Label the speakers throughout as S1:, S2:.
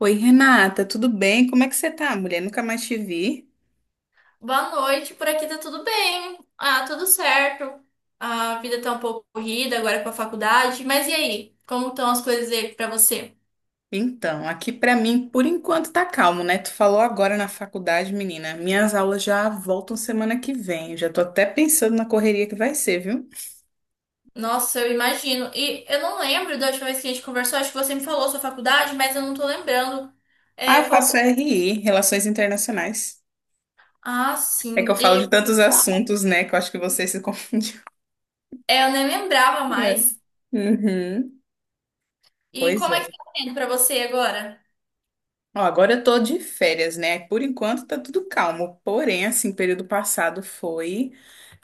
S1: Oi, Renata, tudo bem? Como é que você tá, mulher? Nunca mais te vi.
S2: Boa noite, por aqui tá tudo bem. Ah, tudo certo. A vida tá um pouco corrida agora com a faculdade, mas e aí? Como estão as coisas aí pra você?
S1: Então, aqui pra mim, por enquanto tá calmo, né? Tu falou agora na faculdade, menina. Minhas aulas já voltam semana que vem. Já tô até pensando na correria que vai ser, viu?
S2: Nossa, eu imagino. E eu não lembro da última vez que a gente conversou, acho que você me falou sua faculdade, mas eu não tô lembrando.
S1: Ah, eu
S2: É,
S1: faço
S2: qual...
S1: RI, Relações Internacionais.
S2: Ah,
S1: É que
S2: sim.
S1: eu falo de tantos assuntos, né? Que eu acho que você se confundiu.
S2: Eu nem lembrava
S1: É.
S2: mais.
S1: Uhum.
S2: E
S1: Pois
S2: como é que
S1: é.
S2: tá sendo pra você agora?
S1: Ó, agora eu tô de férias, né? Por enquanto tá tudo calmo. Porém, assim, período passado foi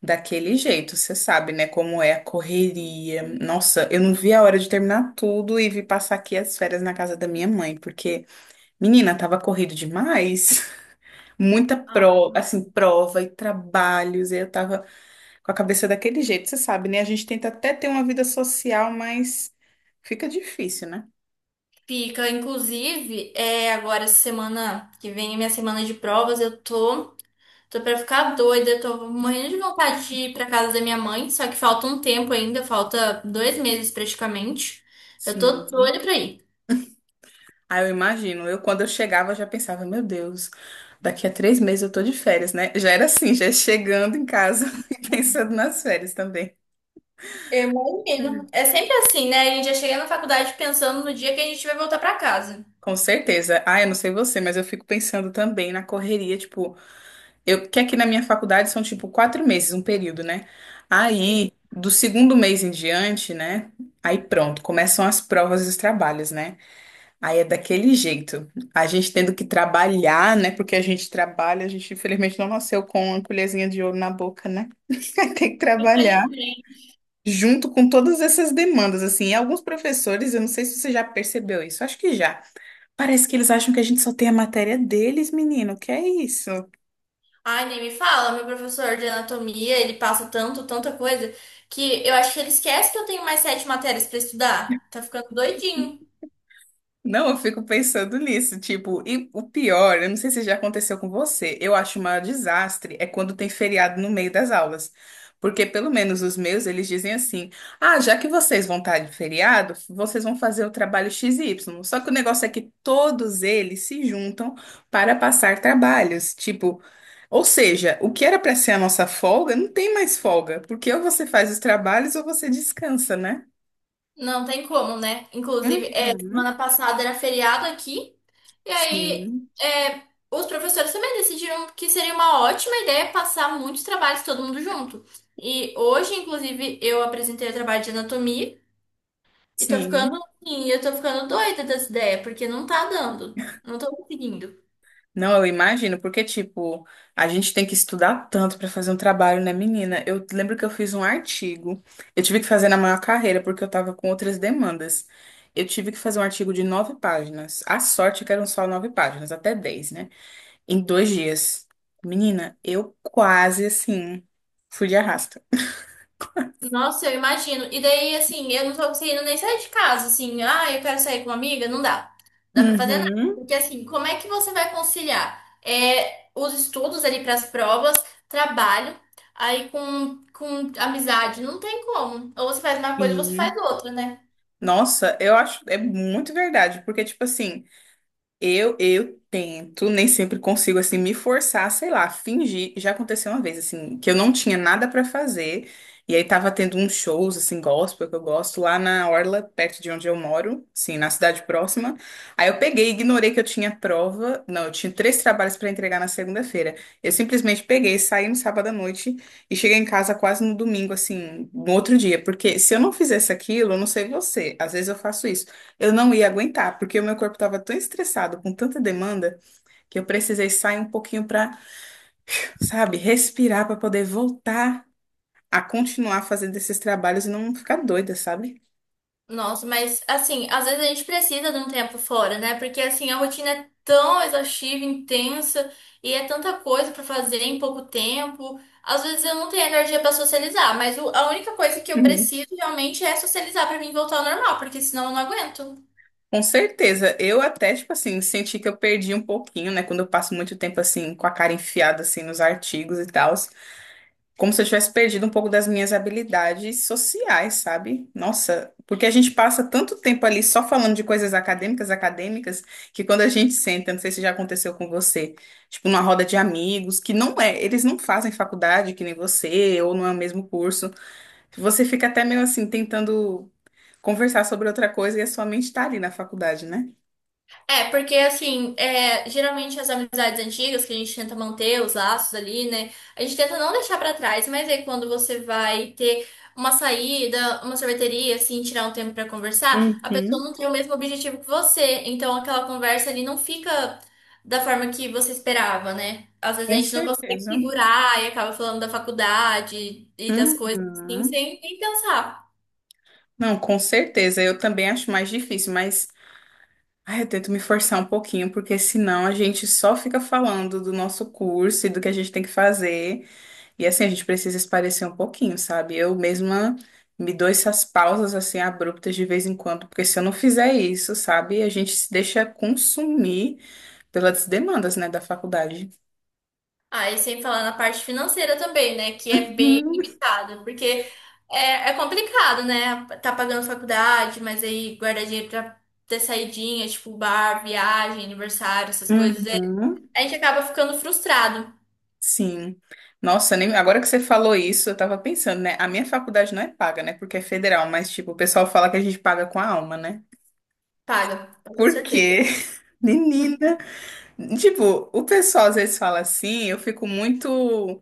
S1: daquele jeito, você sabe, né? Como é a correria. Nossa, eu não vi a hora de terminar tudo e vi passar aqui as férias na casa da minha mãe, porque, menina, tava corrido demais. Muita prova, assim, prova e trabalhos. E eu tava com a cabeça daquele jeito, você sabe, né? A gente tenta até ter uma vida social, mas fica difícil, né?
S2: Fica, inclusive, agora essa semana que vem, minha semana de provas, eu tô. Tô pra ficar doida, tô morrendo de vontade de ir pra casa da minha mãe, só que falta um tempo ainda, falta 2 meses praticamente. Eu tô
S1: Sim.
S2: doida pra ir.
S1: Ah, eu imagino. Eu, quando eu chegava, já pensava, meu Deus, daqui a 3 meses eu tô de férias, né? Já era assim, já chegando em casa e pensando nas férias também.
S2: Eu imagino. É sempre assim, né? A gente já chega na faculdade pensando no dia que a gente vai voltar pra casa.
S1: Com certeza. Ah, eu não sei você, mas eu fico pensando também na correria, tipo, eu que aqui na minha faculdade são tipo 4 meses, um período, né?
S2: Sim.
S1: Aí, do segundo mês em diante, né? Aí pronto, começam as provas e os trabalhos, né? Aí é daquele jeito. A gente tendo que trabalhar, né? Porque a gente trabalha, a gente infelizmente não nasceu com uma colherzinha de ouro na boca, né? Aí tem que trabalhar
S2: Infelizmente.
S1: junto com todas essas demandas, assim. E alguns professores, eu não sei se você já percebeu isso, acho que já. Parece que eles acham que a gente só tem a matéria deles, menino. Que é isso?
S2: Ai, nem me fala, meu professor de anatomia, ele passa tanto, tanta coisa, que eu acho que ele esquece que eu tenho mais sete matérias pra estudar. Tá ficando doidinho.
S1: Não, eu fico pensando nisso, tipo, e o pior, eu não sei se já aconteceu com você, eu acho o maior desastre é quando tem feriado no meio das aulas. Porque pelo menos os meus, eles dizem assim: "Ah, já que vocês vão estar de feriado, vocês vão fazer o trabalho X Y". Só que o negócio é que todos eles se juntam para passar trabalhos, tipo, ou seja, o que era para ser a nossa folga, não tem mais folga, porque ou você faz os trabalhos ou você descansa, né?
S2: Não tem como, né? Inclusive, semana
S1: Uhum,
S2: passada era feriado aqui, e aí
S1: sim,
S2: é, os professores também decidiram que seria uma ótima ideia passar muitos trabalhos todo mundo junto. E hoje, inclusive, eu apresentei o trabalho de anatomia e tô ficando
S1: sim.
S2: assim, eu tô ficando doida dessa ideia, porque não tá dando. Não tô conseguindo.
S1: Não, eu imagino, porque, tipo, a gente tem que estudar tanto para fazer um trabalho, né, menina? Eu lembro que eu fiz um artigo, eu tive que fazer na maior carreira, porque eu tava com outras demandas. Eu tive que fazer um artigo de nove páginas. A sorte é que eram só nove páginas, até dez, né? Em 2 dias. Menina, eu quase, assim, fui de arrasto.
S2: Nossa, eu imagino. E daí, assim, eu não tô conseguindo nem sair de casa, assim, ah, eu quero sair com uma amiga, não dá. Dá pra fazer nada.
S1: Uhum.
S2: Porque, assim, como é que você vai conciliar? Os estudos ali pras provas, trabalho, aí com amizade, não tem como. Ou você faz uma coisa, ou você faz
S1: Sim.
S2: outra, né?
S1: Nossa, eu acho, é muito verdade, porque, tipo assim, eu tento, nem sempre consigo assim me forçar, sei lá, fingir. Já aconteceu uma vez assim, que eu não tinha nada pra fazer, e aí tava tendo uns shows assim gospel que eu gosto lá na orla perto de onde eu moro, assim na cidade próxima. Aí eu peguei e ignorei que eu tinha prova. Não, eu tinha três trabalhos pra entregar na segunda-feira. Eu simplesmente peguei, saí no sábado à noite e cheguei em casa quase no domingo assim, no outro dia, porque se eu não fizesse aquilo, eu não sei você, às vezes eu faço isso. Eu não ia aguentar, porque o meu corpo estava tão estressado com tanta demanda que eu precisei sair um pouquinho para, sabe, respirar para poder voltar a continuar fazendo esses trabalhos e não ficar doida, sabe?
S2: Nossa, mas assim, às vezes a gente precisa de um tempo fora, né? Porque assim, a rotina é tão exaustiva, intensa, e é tanta coisa pra fazer em pouco tempo. Às vezes eu não tenho energia pra socializar, mas a única coisa que eu
S1: Uhum.
S2: preciso realmente é socializar pra mim voltar ao normal, porque senão eu não aguento.
S1: Com certeza, eu até, tipo assim, senti que eu perdi um pouquinho, né? Quando eu passo muito tempo, assim, com a cara enfiada, assim, nos artigos e tal, como se eu tivesse perdido um pouco das minhas habilidades sociais, sabe? Nossa, porque a gente passa tanto tempo ali só falando de coisas acadêmicas, acadêmicas, que quando a gente senta, não sei se já aconteceu com você, tipo numa roda de amigos, que não é, eles não fazem faculdade que nem você, ou não é o mesmo curso. Você fica até meio assim tentando conversar sobre outra coisa e a sua mente tá ali na faculdade, né?
S2: Porque assim, geralmente as amizades antigas que a gente tenta manter os laços ali, né? A gente tenta não deixar pra trás, mas aí quando você vai ter uma saída, uma sorveteria, assim, tirar um tempo pra conversar, a pessoa
S1: Uhum.
S2: não tem o mesmo objetivo que você. Então aquela conversa ali não fica da forma que você esperava, né? Às vezes a
S1: Com
S2: gente não consegue
S1: certeza.
S2: segurar e acaba falando da faculdade e das coisas assim,
S1: Uhum.
S2: sem nem pensar.
S1: Não, com certeza. Eu também acho mais difícil, mas ah, eu tento me forçar um pouquinho, porque senão a gente só fica falando do nosso curso e do que a gente tem que fazer. E assim, a gente precisa esparecer um pouquinho, sabe? Eu mesma me dou essas pausas assim abruptas de vez em quando, porque se eu não fizer isso, sabe, a gente se deixa consumir pelas demandas, né, da faculdade.
S2: Ah, e sem falar na parte financeira também, né? Que é bem
S1: Uhum.
S2: limitada, porque é complicado, né? Tá pagando faculdade, mas aí guardar dinheiro pra ter saidinha, tipo bar, viagem, aniversário, essas coisas.
S1: Uhum,
S2: A gente acaba ficando frustrado.
S1: sim. Nossa, nem- agora que você falou isso, eu tava pensando, né? A minha faculdade não é paga, né? Porque é federal, mas tipo, o pessoal fala que a gente paga com a alma, né?
S2: Paga, com
S1: Por
S2: certeza.
S1: quê? Menina, tipo, o pessoal às vezes fala assim, eu fico muito,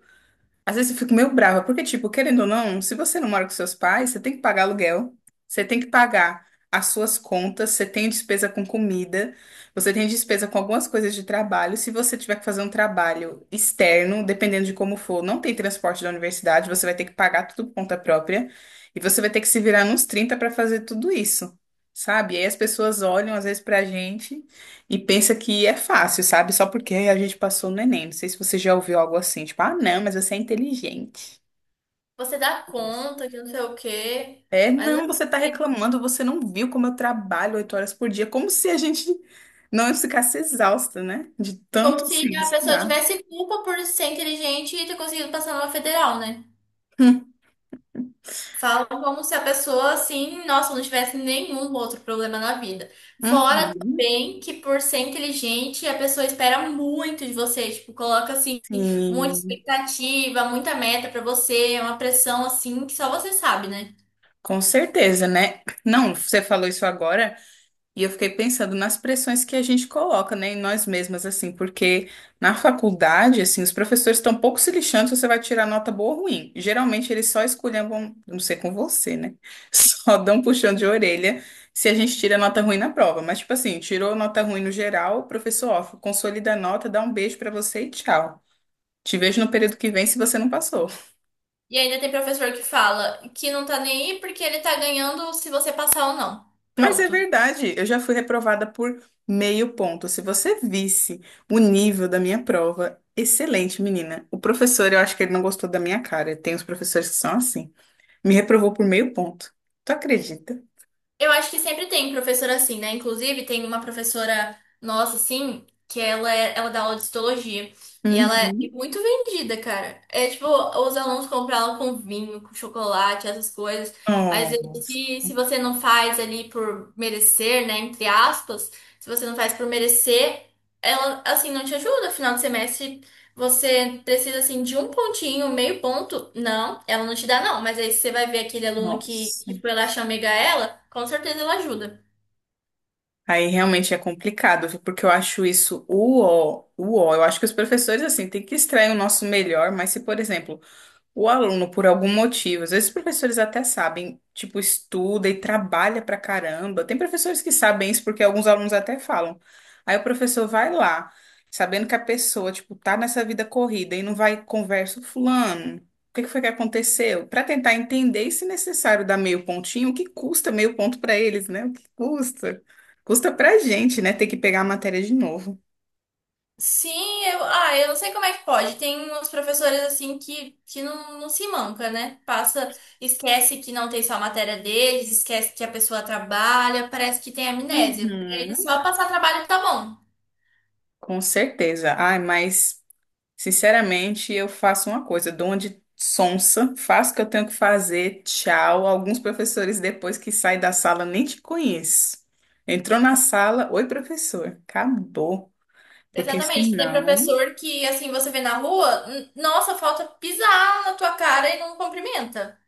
S1: às vezes eu fico meio brava, porque tipo, querendo ou não, se você não mora com seus pais, você tem que pagar aluguel, você tem que pagar as suas contas, você tem despesa com comida, você tem despesa com algumas coisas de trabalho, se você tiver que fazer um trabalho externo, dependendo de como for, não tem transporte da universidade, você vai ter que pagar tudo por conta própria, e você vai ter que se virar nos 30 para fazer tudo isso, sabe? E aí as pessoas olham às vezes pra gente e pensa que é fácil, sabe? Só porque a gente passou no Enem. Não sei se você já ouviu algo assim, tipo, ah, não, mas você é inteligente.
S2: Você dá
S1: Nossa.
S2: conta, que não sei o quê,
S1: É,
S2: mas não
S1: não, você tá
S2: sei.
S1: reclamando, você não viu como eu trabalho 8 horas por dia, como se a gente não ficasse exausta, né? De
S2: Como
S1: tanto assim,
S2: se a pessoa
S1: estudar.
S2: tivesse culpa por ser inteligente e ter conseguido passar numa federal, né?
S1: Hum.
S2: Falam como se a pessoa, assim, nossa, não tivesse nenhum outro problema na vida. Fora
S1: Uhum.
S2: também que, por ser inteligente, a pessoa espera muito de você. Tipo, coloca, assim, muita
S1: Sim,
S2: expectativa, muita meta pra você. É uma pressão, assim, que só você sabe, né?
S1: com certeza, né? Não, você falou isso agora. E eu fiquei pensando nas pressões que a gente coloca, né, em nós mesmas, assim, porque na faculdade, assim, os professores estão pouco se lixando se você vai tirar nota boa ou ruim. Geralmente eles só esculhambam, não sei com você, né? Só dão um puxão de orelha se a gente tira nota ruim na prova. Mas, tipo assim, tirou nota ruim no geral, professor, ó, consolida a nota, dá um beijo pra você e tchau. Te vejo no período que vem se você não passou.
S2: E ainda tem professor que fala que não tá nem aí porque ele tá ganhando se você passar ou não.
S1: Mas é
S2: Pronto.
S1: verdade, eu já fui reprovada por meio ponto. Se você visse o nível da minha prova, excelente, menina. O professor, eu acho que ele não gostou da minha cara. Tem uns professores que são assim. Me reprovou por meio ponto. Tu acredita?
S2: Eu acho que sempre tem professor assim, né? Inclusive, tem uma professora nossa, assim, que ela dá aula de histologia. E ela é
S1: Uhum.
S2: muito vendida, cara. É tipo, os alunos compram ela com vinho, com chocolate, essas coisas. Mas
S1: Nossa,
S2: se você não faz ali por merecer, né? Entre aspas, se você não faz por merecer, ela, assim, não te ajuda. Final de semestre você precisa assim de um pontinho, meio ponto. Não, ela não te dá, não. Mas aí você vai ver aquele aluno que,
S1: nossa.
S2: que foi lá chamegar ela, com certeza ela ajuda.
S1: Aí realmente é complicado, viu? Porque eu acho isso o ó, o ó. Eu acho que os professores, assim, têm que extrair o nosso melhor, mas se, por exemplo, o aluno, por algum motivo, às vezes os professores até sabem, tipo, estuda e trabalha pra caramba. Tem professores que sabem isso porque alguns alunos até falam. Aí o professor vai lá, sabendo que a pessoa, tipo, tá nessa vida corrida e não vai conversa, fulano, o que que foi que aconteceu? Pra tentar entender e, se necessário, dar meio pontinho, o que custa meio ponto pra eles, né? O que custa? Custa pra gente, né? Ter que pegar a matéria de novo.
S2: Sim, eu não sei como é que pode. Tem uns professores assim que não, não se manca, né? Passa, esquece que não tem só a matéria deles, esquece que a pessoa trabalha, parece que tem amnésia. Pra eles
S1: Uhum.
S2: só passar trabalho tá bom.
S1: Com certeza. Ai, mas, sinceramente, eu faço uma coisa, dou uma de sonsa, faço o que eu tenho que fazer, tchau. Alguns professores, depois que saem da sala, nem te conheço. Entrou na sala, oi, professor, acabou. Porque
S2: Exatamente, tem
S1: senão,
S2: professor que assim você vê na rua, nossa, falta pisar na tua cara e não cumprimenta.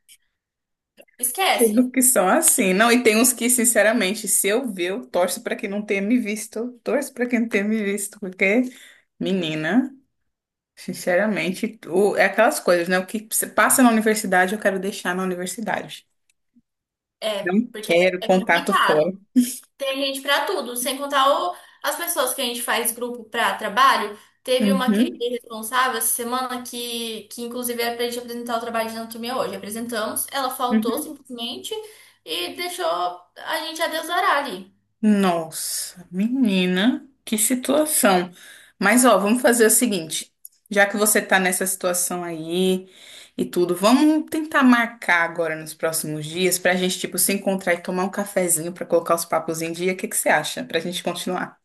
S1: tem
S2: Esquece.
S1: uns que são assim. Não, e tem uns que, sinceramente, se eu ver, eu torço para quem não tenha me visto. Eu torço para quem não tenha me visto, porque, menina, sinceramente, o- é aquelas coisas, né? O que você passa na universidade, eu quero deixar na universidade. Não
S2: Porque
S1: quero
S2: é
S1: contato
S2: complicado.
S1: fora.
S2: Tem gente pra tudo, sem contar as pessoas que a gente faz grupo pra trabalho. Teve uma querida
S1: Uhum,
S2: responsável essa semana que inclusive era pra gente apresentar o trabalho de anatomia hoje. Apresentamos, ela faltou
S1: uhum.
S2: simplesmente e deixou a gente a Deus dará ali.
S1: Nossa, menina, que situação. Mas ó, vamos fazer o seguinte, já que você tá nessa situação aí e tudo, vamos tentar marcar agora nos próximos dias pra gente tipo se encontrar e tomar um cafezinho pra colocar os papos em dia. O que que você acha? Pra gente continuar.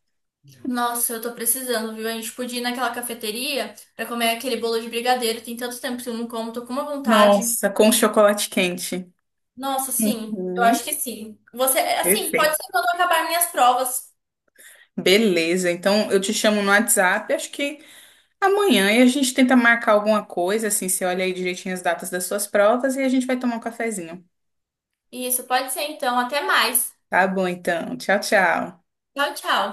S2: Nossa, eu tô precisando, viu? A gente podia ir naquela cafeteria pra comer aquele bolo de brigadeiro. Tem tanto tempo que eu não como, tô com uma vontade.
S1: Nossa, com chocolate quente.
S2: Nossa, sim, eu
S1: Uhum,
S2: acho que sim. Você, assim, pode
S1: perfeito.
S2: ser quando acabar minhas provas.
S1: Beleza, então eu te chamo no WhatsApp, acho que amanhã, e a gente tenta marcar alguma coisa, assim, você olha aí direitinho as datas das suas provas e a gente vai tomar um cafezinho.
S2: Isso, pode ser então. Até mais.
S1: Tá bom, então. Tchau, tchau.
S2: Tchau, tchau.